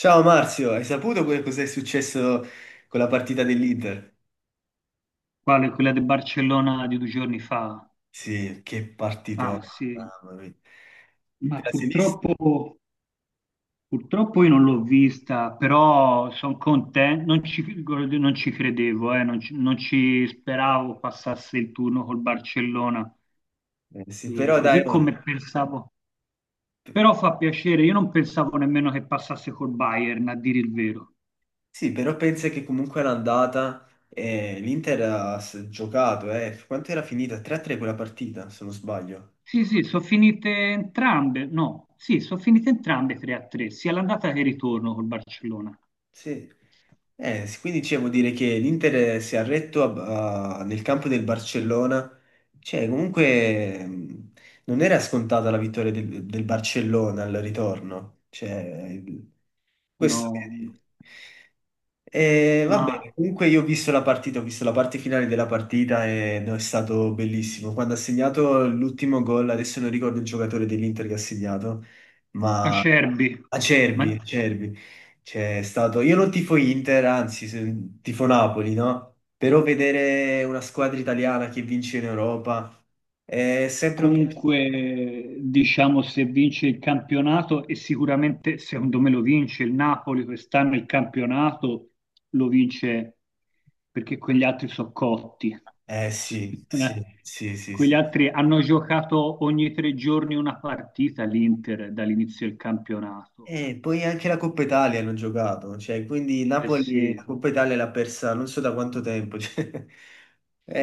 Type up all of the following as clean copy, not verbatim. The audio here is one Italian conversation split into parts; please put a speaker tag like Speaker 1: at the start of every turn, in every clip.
Speaker 1: Ciao Marzio, hai saputo cos'è successo con la partita dell'Inter?
Speaker 2: Quale? Quella di Barcellona di due giorni fa?
Speaker 1: Sì, che
Speaker 2: Ah
Speaker 1: partito,
Speaker 2: sì,
Speaker 1: mamma mia.
Speaker 2: ma
Speaker 1: Te la sei vista?
Speaker 2: purtroppo, purtroppo io non l'ho vista, però sono contento, non ci credevo, non ci speravo passasse il turno col Barcellona.
Speaker 1: Sì,
Speaker 2: E
Speaker 1: però dai,
Speaker 2: così
Speaker 1: oh,
Speaker 2: come pensavo. Però fa piacere, io non pensavo nemmeno che passasse col Bayern, a dire il vero.
Speaker 1: sì, però pensa che comunque l'andata l'Inter ha giocato, eh. Quanto era finita? 3-3 quella partita, se non sbaglio.
Speaker 2: Sì, sì, sono finite entrambe, no, sì, sono finite entrambe 3-3, sia l'andata che il ritorno col Barcellona.
Speaker 1: Sì. Quindi cioè, vuol dire che l'Inter si è arretto nel campo del Barcellona. Cioè, comunque non era scontata la vittoria del Barcellona al ritorno. Cioè, questo
Speaker 2: No,
Speaker 1: voglio dire. Va
Speaker 2: ma
Speaker 1: bene, comunque io ho visto la partita, ho visto la parte finale della partita e no, è stato bellissimo. Quando ha segnato l'ultimo gol, adesso non ricordo il giocatore dell'Inter che ha segnato, ma
Speaker 2: Acerbi, ma
Speaker 1: Acerbi, Acerbi. C'è stato, io non tifo Inter, anzi, tifo Napoli, no? Però vedere una squadra italiana che vince in Europa è sempre un piacere.
Speaker 2: comunque diciamo se vince il campionato e sicuramente secondo me lo vince il Napoli quest'anno il campionato lo vince perché quegli altri sono cotti.
Speaker 1: Eh sì, sì, sì, sì,
Speaker 2: Quegli
Speaker 1: sì.
Speaker 2: altri hanno giocato ogni tre giorni una partita l'Inter dall'inizio del campionato.
Speaker 1: E poi anche la Coppa Italia hanno giocato, cioè, quindi
Speaker 2: Eh
Speaker 1: Napoli
Speaker 2: sì.
Speaker 1: la Coppa Italia l'ha persa non so da quanto tempo. Cioè,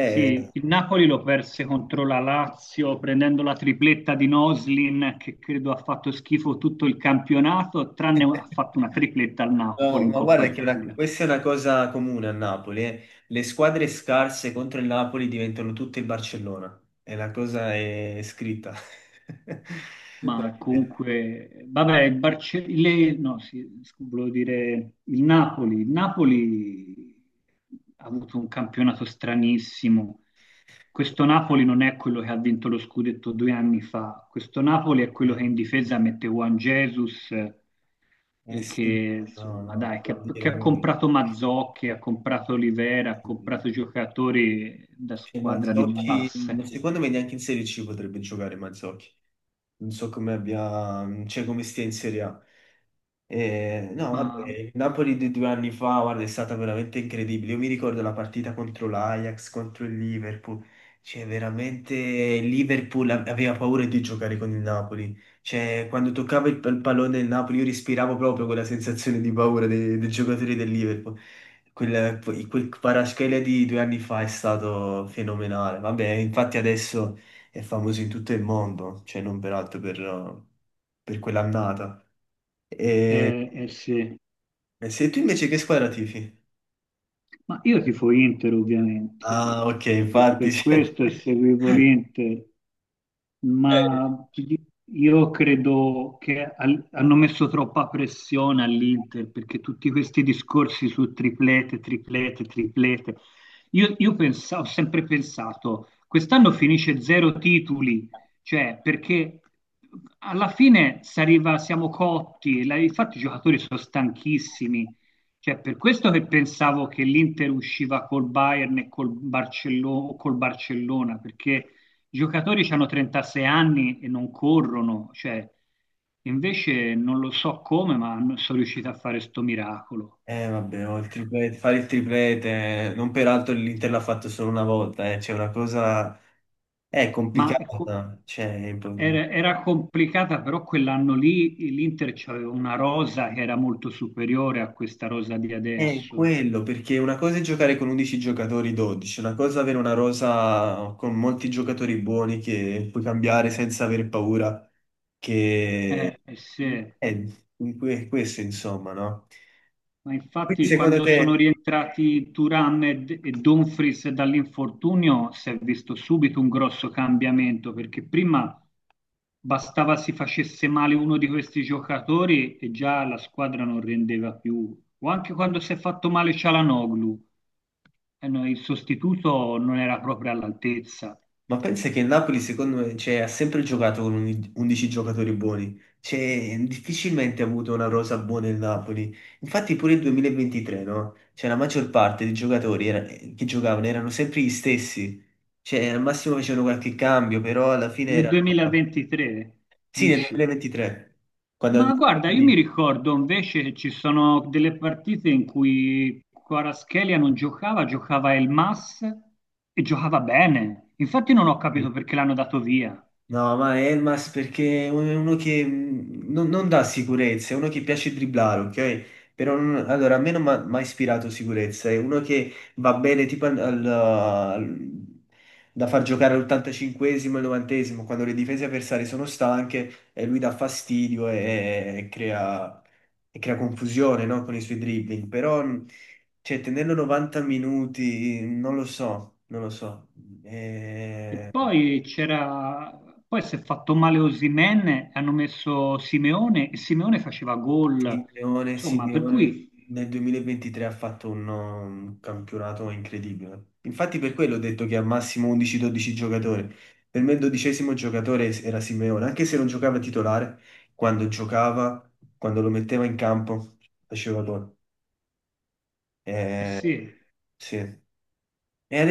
Speaker 2: Sì, il Napoli lo perse contro la Lazio prendendo la tripletta di Noslin che credo ha fatto schifo tutto il campionato, tranne ha fatto una tripletta al Napoli
Speaker 1: No,
Speaker 2: in
Speaker 1: ma
Speaker 2: Coppa
Speaker 1: guarda che
Speaker 2: Italia.
Speaker 1: questa è una cosa comune a Napoli. Eh. Le squadre scarse contro il Napoli diventano tutte il Barcellona. E la cosa è scritta.
Speaker 2: Ma comunque, vabbè, il Barce- le- no, sì, scu- volevo dire il Napoli. Il Napoli ha avuto un campionato stranissimo. Questo Napoli non è quello che ha vinto lo scudetto due anni fa. Questo Napoli è quello
Speaker 1: Eh,
Speaker 2: che in difesa mette Juan Jesus
Speaker 1: eh
Speaker 2: e
Speaker 1: sì,
Speaker 2: che
Speaker 1: no,
Speaker 2: insomma
Speaker 1: no,
Speaker 2: dai, che
Speaker 1: devo
Speaker 2: ha, che
Speaker 1: dire
Speaker 2: ha
Speaker 1: no.
Speaker 2: comprato Mazzocchi, ha comprato Olivera, ha comprato giocatori da
Speaker 1: Cioè,
Speaker 2: squadra di
Speaker 1: Mazzocchi,
Speaker 2: basse,
Speaker 1: secondo me neanche in Serie C potrebbe giocare Mazzocchi. Non so come abbia, cioè come stia in Serie A. No, vabbè,
Speaker 2: ma
Speaker 1: il Napoli di 2 anni fa, guarda, è stata veramente incredibile. Io mi ricordo la partita contro l'Ajax, contro il Liverpool. Cioè, veramente il Liverpool aveva paura di giocare con il Napoli. Cioè, quando toccava il pallone del Napoli, io respiravo proprio quella sensazione di paura dei giocatori del Liverpool. Quel, quel Paraschele di 2 anni fa è stato fenomenale. Vabbè, infatti adesso è famoso in tutto il mondo, cioè non peraltro per quell'annata. E
Speaker 2: eh sì.
Speaker 1: e se tu invece che squadra tifi?
Speaker 2: Ma io tifo Inter ovviamente,
Speaker 1: Ah, ok,
Speaker 2: infatti,
Speaker 1: infatti.
Speaker 2: per questo e seguivo l'Inter, ma ti di- io credo che al- hanno messo troppa pressione all'Inter perché tutti questi discorsi su triplete, triplete, triplete. Io pensa- ho sempre pensato, quest'anno finisce zero titoli, cioè perché alla fine s'arriva- siamo cotti, la- infatti i giocatori sono stanchissimi, cioè, per questo che pensavo che l'Inter usciva col Bayern e col, Barcello- col Barcellona, perché i giocatori hanno 36 anni e non corrono, cioè, invece non lo so come, ma non sono riusciti a fare sto miracolo.
Speaker 1: Vabbè, fare il triplete, non peraltro l'Inter l'ha fatto solo una volta, c'è una cosa... È
Speaker 2: Ma ecco,
Speaker 1: complicata, cioè,
Speaker 2: era complicata, però quell'anno lì l'Inter aveva una rosa che era molto superiore a questa rosa di
Speaker 1: è
Speaker 2: adesso.
Speaker 1: quello, perché una cosa è giocare con 11 giocatori, 12, una cosa è avere una rosa con molti giocatori buoni che puoi cambiare senza aver paura che...
Speaker 2: Sì.
Speaker 1: È questo, insomma, no?
Speaker 2: Ma
Speaker 1: Quindi
Speaker 2: infatti
Speaker 1: secondo
Speaker 2: quando sono
Speaker 1: te...
Speaker 2: rientrati Turam e, D- e Dumfries dall'infortunio si è visto subito un grosso cambiamento perché prima bastava si facesse male uno di questi giocatori e già la squadra non rendeva più. O anche quando si è fatto male Cialanoglu, eh no, il sostituto non era proprio all'altezza.
Speaker 1: Ma pensa che il Napoli, secondo me, cioè, ha sempre giocato con 11 giocatori buoni. Cioè, difficilmente ha avuto una rosa buona il Napoli. Infatti pure il 2023, no? Cioè, la maggior parte dei giocatori che giocavano erano sempre gli stessi. Cioè, al massimo facevano qualche cambio, però alla fine
Speaker 2: Nel
Speaker 1: erano...
Speaker 2: 2023,
Speaker 1: Sì, nel
Speaker 2: dici?
Speaker 1: 2023, quando...
Speaker 2: Ma guarda, io mi ricordo invece che ci sono delle partite in cui Kvaratskhelia non giocava, giocava Elmas e giocava bene. Infatti non ho capito perché l'hanno dato via.
Speaker 1: No, ma Elmas perché è uno che non dà sicurezza, è uno che piace dribblare, ok? Però allora, a me non mi ha mai ispirato sicurezza, è uno che va bene tipo da far giocare all'85esimo e al 90esimo, quando le difese avversarie sono stanche e lui dà fastidio e crea confusione, no? Con i suoi dribbling. Però, cioè, tenerlo 90 minuti, non lo so, non lo so.
Speaker 2: E
Speaker 1: Eh,
Speaker 2: poi c'era, poi si è fatto male Osimhen, e hanno messo Simeone e Simeone faceva gol.
Speaker 1: Simeone,
Speaker 2: Insomma, per
Speaker 1: Simeone
Speaker 2: cui,
Speaker 1: nel 2023 ha fatto un campionato incredibile. Infatti per quello ho detto che al massimo 11-12 giocatori. Per me il dodicesimo giocatore era Simeone, anche se non giocava titolare, quando giocava, quando lo metteva in campo, faceva gol.
Speaker 2: eh
Speaker 1: Eh,
Speaker 2: sì,
Speaker 1: sì. E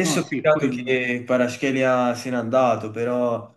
Speaker 2: no, sì,
Speaker 1: peccato
Speaker 2: poi,
Speaker 1: che Kvaratskhelia se n'è andato, però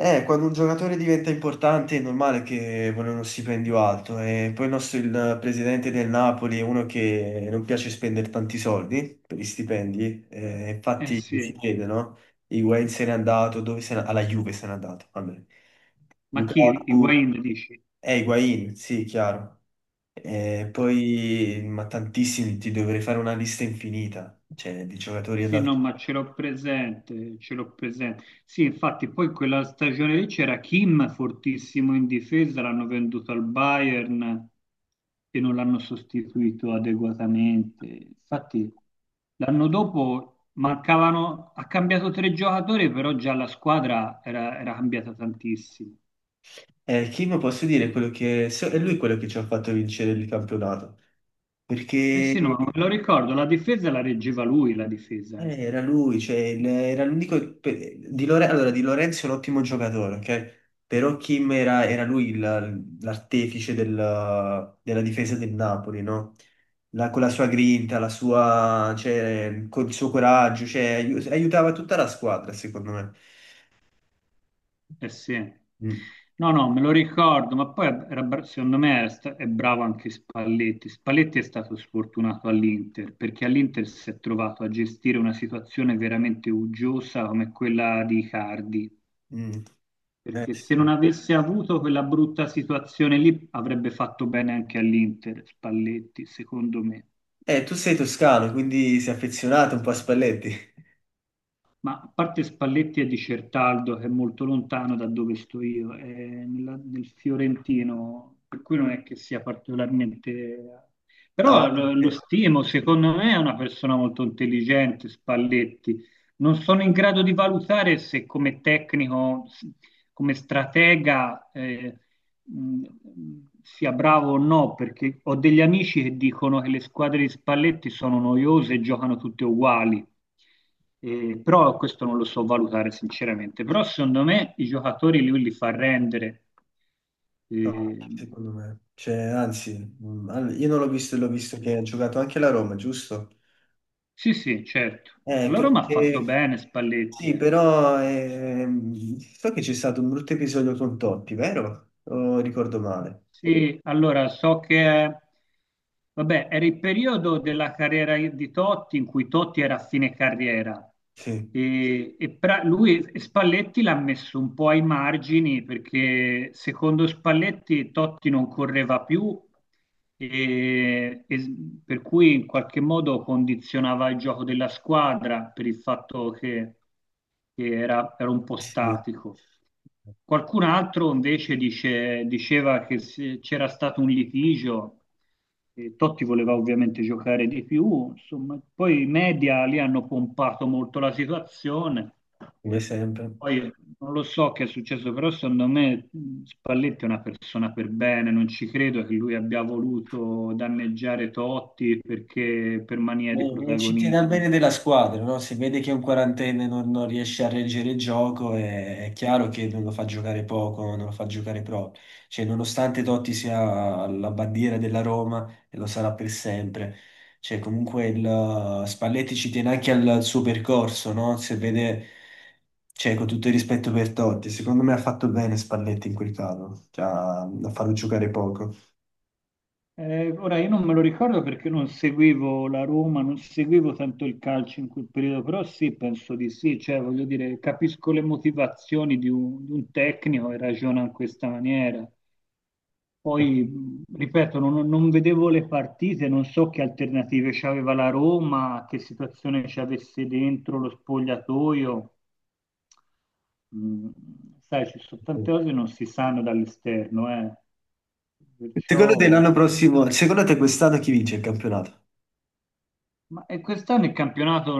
Speaker 1: Quando un giocatore diventa importante è normale che vuole uno stipendio alto e poi il presidente del Napoli è uno che non piace spendere tanti soldi per gli stipendi,
Speaker 2: eh
Speaker 1: infatti si
Speaker 2: sì.
Speaker 1: vede, no? Higuain se n'è andato, dove se n'è? Alla Juve se n'è andato, vabbè.
Speaker 2: Ma chi?
Speaker 1: Lukaku,
Speaker 2: Higuain dici?
Speaker 1: Higuain, sì, chiaro. Poi, ma tantissimi, ti dovrei fare una lista infinita, cioè di giocatori
Speaker 2: Sì,
Speaker 1: andati.
Speaker 2: no, ma ce l'ho presente, ce l'ho presente. Sì, infatti poi quella stagione lì c'era Kim fortissimo in difesa, l'hanno venduto al Bayern e non l'hanno sostituito adeguatamente. Infatti l'anno dopo mancavano, ha cambiato tre giocatori, però già la squadra era cambiata tantissimo.
Speaker 1: Kim posso dire quello che è lui quello che ci ha fatto vincere il campionato
Speaker 2: Eh
Speaker 1: perché
Speaker 2: sì,
Speaker 1: eh,
Speaker 2: no, me lo ricordo, la difesa la reggeva lui, la difesa. Eh.
Speaker 1: era lui, cioè era l'unico allora, Di Lorenzo è un ottimo giocatore, ok? Però Kim era lui l'artefice della difesa del Napoli, no? Con la sua grinta, la sua, cioè, col suo coraggio, cioè, aiutava tutta la squadra, secondo me.
Speaker 2: Eh sì.
Speaker 1: Mm,
Speaker 2: No, no, me lo ricordo, ma poi era bra- secondo me era sta- è bravo anche Spalletti. Spalletti è stato sfortunato all'Inter perché all'Inter si è trovato a gestire una situazione veramente uggiosa come quella di Icardi,
Speaker 1: mm.
Speaker 2: perché se non
Speaker 1: Sì.
Speaker 2: avesse avuto quella brutta situazione lì avrebbe fatto bene anche all'Inter, Spalletti, secondo me.
Speaker 1: Tu sei toscano, quindi sei affezionato un po' a Spalletti.
Speaker 2: Ma a parte Spalletti e Di Certaldo, che è molto lontano da dove sto io, è nella- nel Fiorentino, per cui non è che sia particolarmente...
Speaker 1: No,
Speaker 2: Però lo
Speaker 1: eh,
Speaker 2: stimo, secondo me è una persona molto intelligente, Spalletti. Non sono in grado di valutare se come tecnico, s- come stratega, mh, sia bravo o no, perché ho degli amici che dicono che le squadre di Spalletti sono noiose e giocano tutte uguali. Però questo non lo so valutare sinceramente. Però secondo me i giocatori lui li fa rendere.
Speaker 1: no,
Speaker 2: Eh,
Speaker 1: secondo me. Cioè, anzi, io non l'ho visto e l'ho visto che ha giocato anche la Roma, giusto?
Speaker 2: sì, sì, certo. Allora mi
Speaker 1: Quello
Speaker 2: ha fatto
Speaker 1: che...
Speaker 2: bene Spalletti,
Speaker 1: Sì,
Speaker 2: eh.
Speaker 1: però so che c'è stato un brutto episodio con Totti, vero? O ricordo male?
Speaker 2: Sì, allora so che, vabbè, era il periodo della carriera di Totti in cui Totti era a fine carriera
Speaker 1: Sì,
Speaker 2: e pra- lui e Spalletti l'ha messo un po' ai margini perché secondo Spalletti Totti non correva più e s- per cui in qualche modo condizionava il gioco della squadra per il fatto che era un po'
Speaker 1: sì,
Speaker 2: statico. Qualcun altro invece dice- diceva che se c'era stato un litigio, Totti voleva ovviamente giocare di più, insomma, poi i media lì hanno pompato molto la situazione,
Speaker 1: come sempre.
Speaker 2: poi non lo so che è successo, però secondo me Spalletti è una persona per bene, non ci credo che lui abbia voluto danneggiare Totti perché, per mania di
Speaker 1: Eh, ci tiene al bene
Speaker 2: protagonismo.
Speaker 1: della squadra, no? Se vede che un quarantenne non riesce a reggere il gioco, è chiaro che non lo fa giocare poco, non lo fa giocare proprio. Cioè, nonostante Totti sia la bandiera della Roma, e lo sarà per sempre, cioè, comunque Spalletti ci tiene anche al suo percorso, no? Se vede, cioè, con tutto il rispetto per Totti, secondo me ha fatto bene Spalletti in quel caso, cioè, a farlo giocare poco.
Speaker 2: Ora io non me lo ricordo perché non seguivo la Roma, non seguivo tanto il calcio in quel periodo, però sì, penso di sì, cioè voglio dire, capisco le motivazioni di un tecnico e ragiona in questa maniera. Poi, ripeto, non vedevo le partite, non so che alternative c'aveva la Roma, che situazione c'avesse dentro lo spogliatoio. Mm, sai, ci sono tante cose che non si sanno dall'esterno, eh.
Speaker 1: Secondo te
Speaker 2: Perciò...
Speaker 1: l'anno prossimo, secondo te quest'anno chi vince il campionato?
Speaker 2: Ma e quest'anno il campionato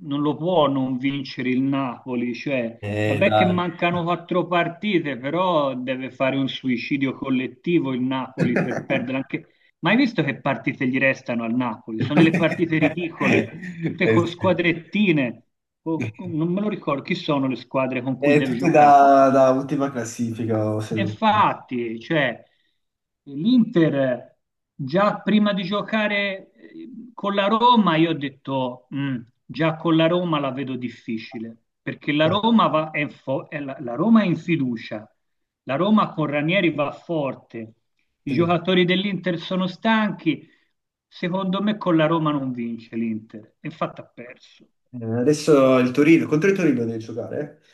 Speaker 2: non lo può non vincere il Napoli, cioè, vabbè che
Speaker 1: Dai.
Speaker 2: mancano 4 partite, però deve fare un suicidio collettivo il Napoli per perdere anche... Ma hai visto che partite gli restano al Napoli? Sono delle partite ridicole, tutte
Speaker 1: Eh
Speaker 2: con
Speaker 1: sì.
Speaker 2: squadrettine, o- non me lo ricordo chi sono le squadre con cui deve
Speaker 1: Tutte
Speaker 2: giocare.
Speaker 1: da ultima classifica, o se
Speaker 2: E
Speaker 1: non sbaglio.
Speaker 2: infatti, cioè, l'Inter già prima di giocare con la Roma, io ho detto, "Mm, già con la Roma la vedo difficile, perché la Roma, va- è, fo- è la, la Roma è in fiducia, la Roma con Ranieri va forte, i
Speaker 1: Sì.
Speaker 2: giocatori dell'Inter sono stanchi, secondo me con la Roma non vince l'Inter, infatti ha perso."
Speaker 1: Adesso il Torino, contro il Torino devi giocare? Eh?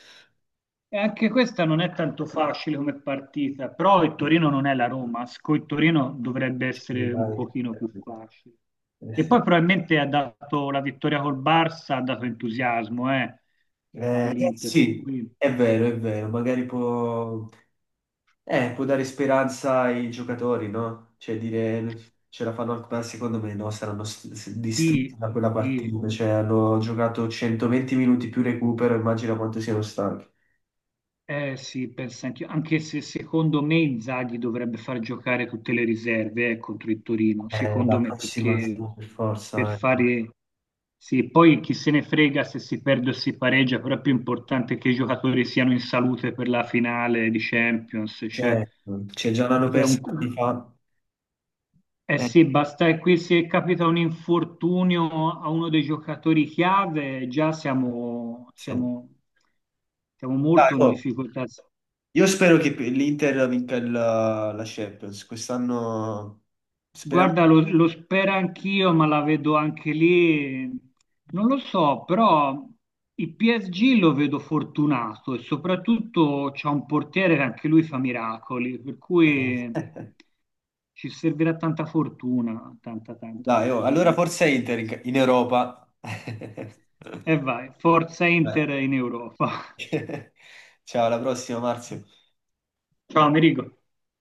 Speaker 2: E anche questa non è tanto facile come partita, però il Torino non è la Roma, con il Torino dovrebbe
Speaker 1: Sì,
Speaker 2: essere un
Speaker 1: dai.
Speaker 2: pochino più facile. E poi
Speaker 1: Sì.
Speaker 2: probabilmente ha dato la vittoria col Barça, ha dato entusiasmo all'Inter, per
Speaker 1: Sì,
Speaker 2: cui
Speaker 1: è vero, magari può... può dare speranza ai giocatori, no? Cioè dire ce la fanno anche, ma secondo me no, saranno distrutti
Speaker 2: sì,
Speaker 1: da quella
Speaker 2: sì.
Speaker 1: partita, cioè hanno giocato 120 minuti più recupero, immagina quanto siano stanchi.
Speaker 2: Eh sì, penso anch'io, anche se secondo me Inzaghi dovrebbe far giocare tutte le riserve contro il Torino,
Speaker 1: La
Speaker 2: secondo me,
Speaker 1: prossima sì,
Speaker 2: perché
Speaker 1: per
Speaker 2: per
Speaker 1: forza, eh.
Speaker 2: fare... Sì, poi chi se ne frega se si perde o si pareggia, però è più importante che i giocatori siano in salute per la finale di Champions, cioè,
Speaker 1: Cioè, cioè, già l'hanno
Speaker 2: cioè
Speaker 1: persa
Speaker 2: un-
Speaker 1: anni fa.
Speaker 2: Eh
Speaker 1: Eh,
Speaker 2: sì, basta che qui se capita un infortunio a uno dei giocatori chiave, già
Speaker 1: sì.
Speaker 2: siamo
Speaker 1: Dai,
Speaker 2: molto in
Speaker 1: oh,
Speaker 2: difficoltà.
Speaker 1: io spero che l'Inter vinca la Champions, quest'anno speriamo.
Speaker 2: Guarda, lo spero anch'io, ma la vedo anche lì. Non lo so, però il PSG lo vedo fortunato e soprattutto c'è un portiere che anche lui fa miracoli, per
Speaker 1: Eh.
Speaker 2: cui ci servirà tanta fortuna, tanta tanta
Speaker 1: Dai, oh, allora
Speaker 2: fortuna.
Speaker 1: forza Inter in Europa.
Speaker 2: E vai, forza Inter in Europa.
Speaker 1: Eh. Ciao, alla prossima, Marzio.
Speaker 2: Ciao, Amerigo.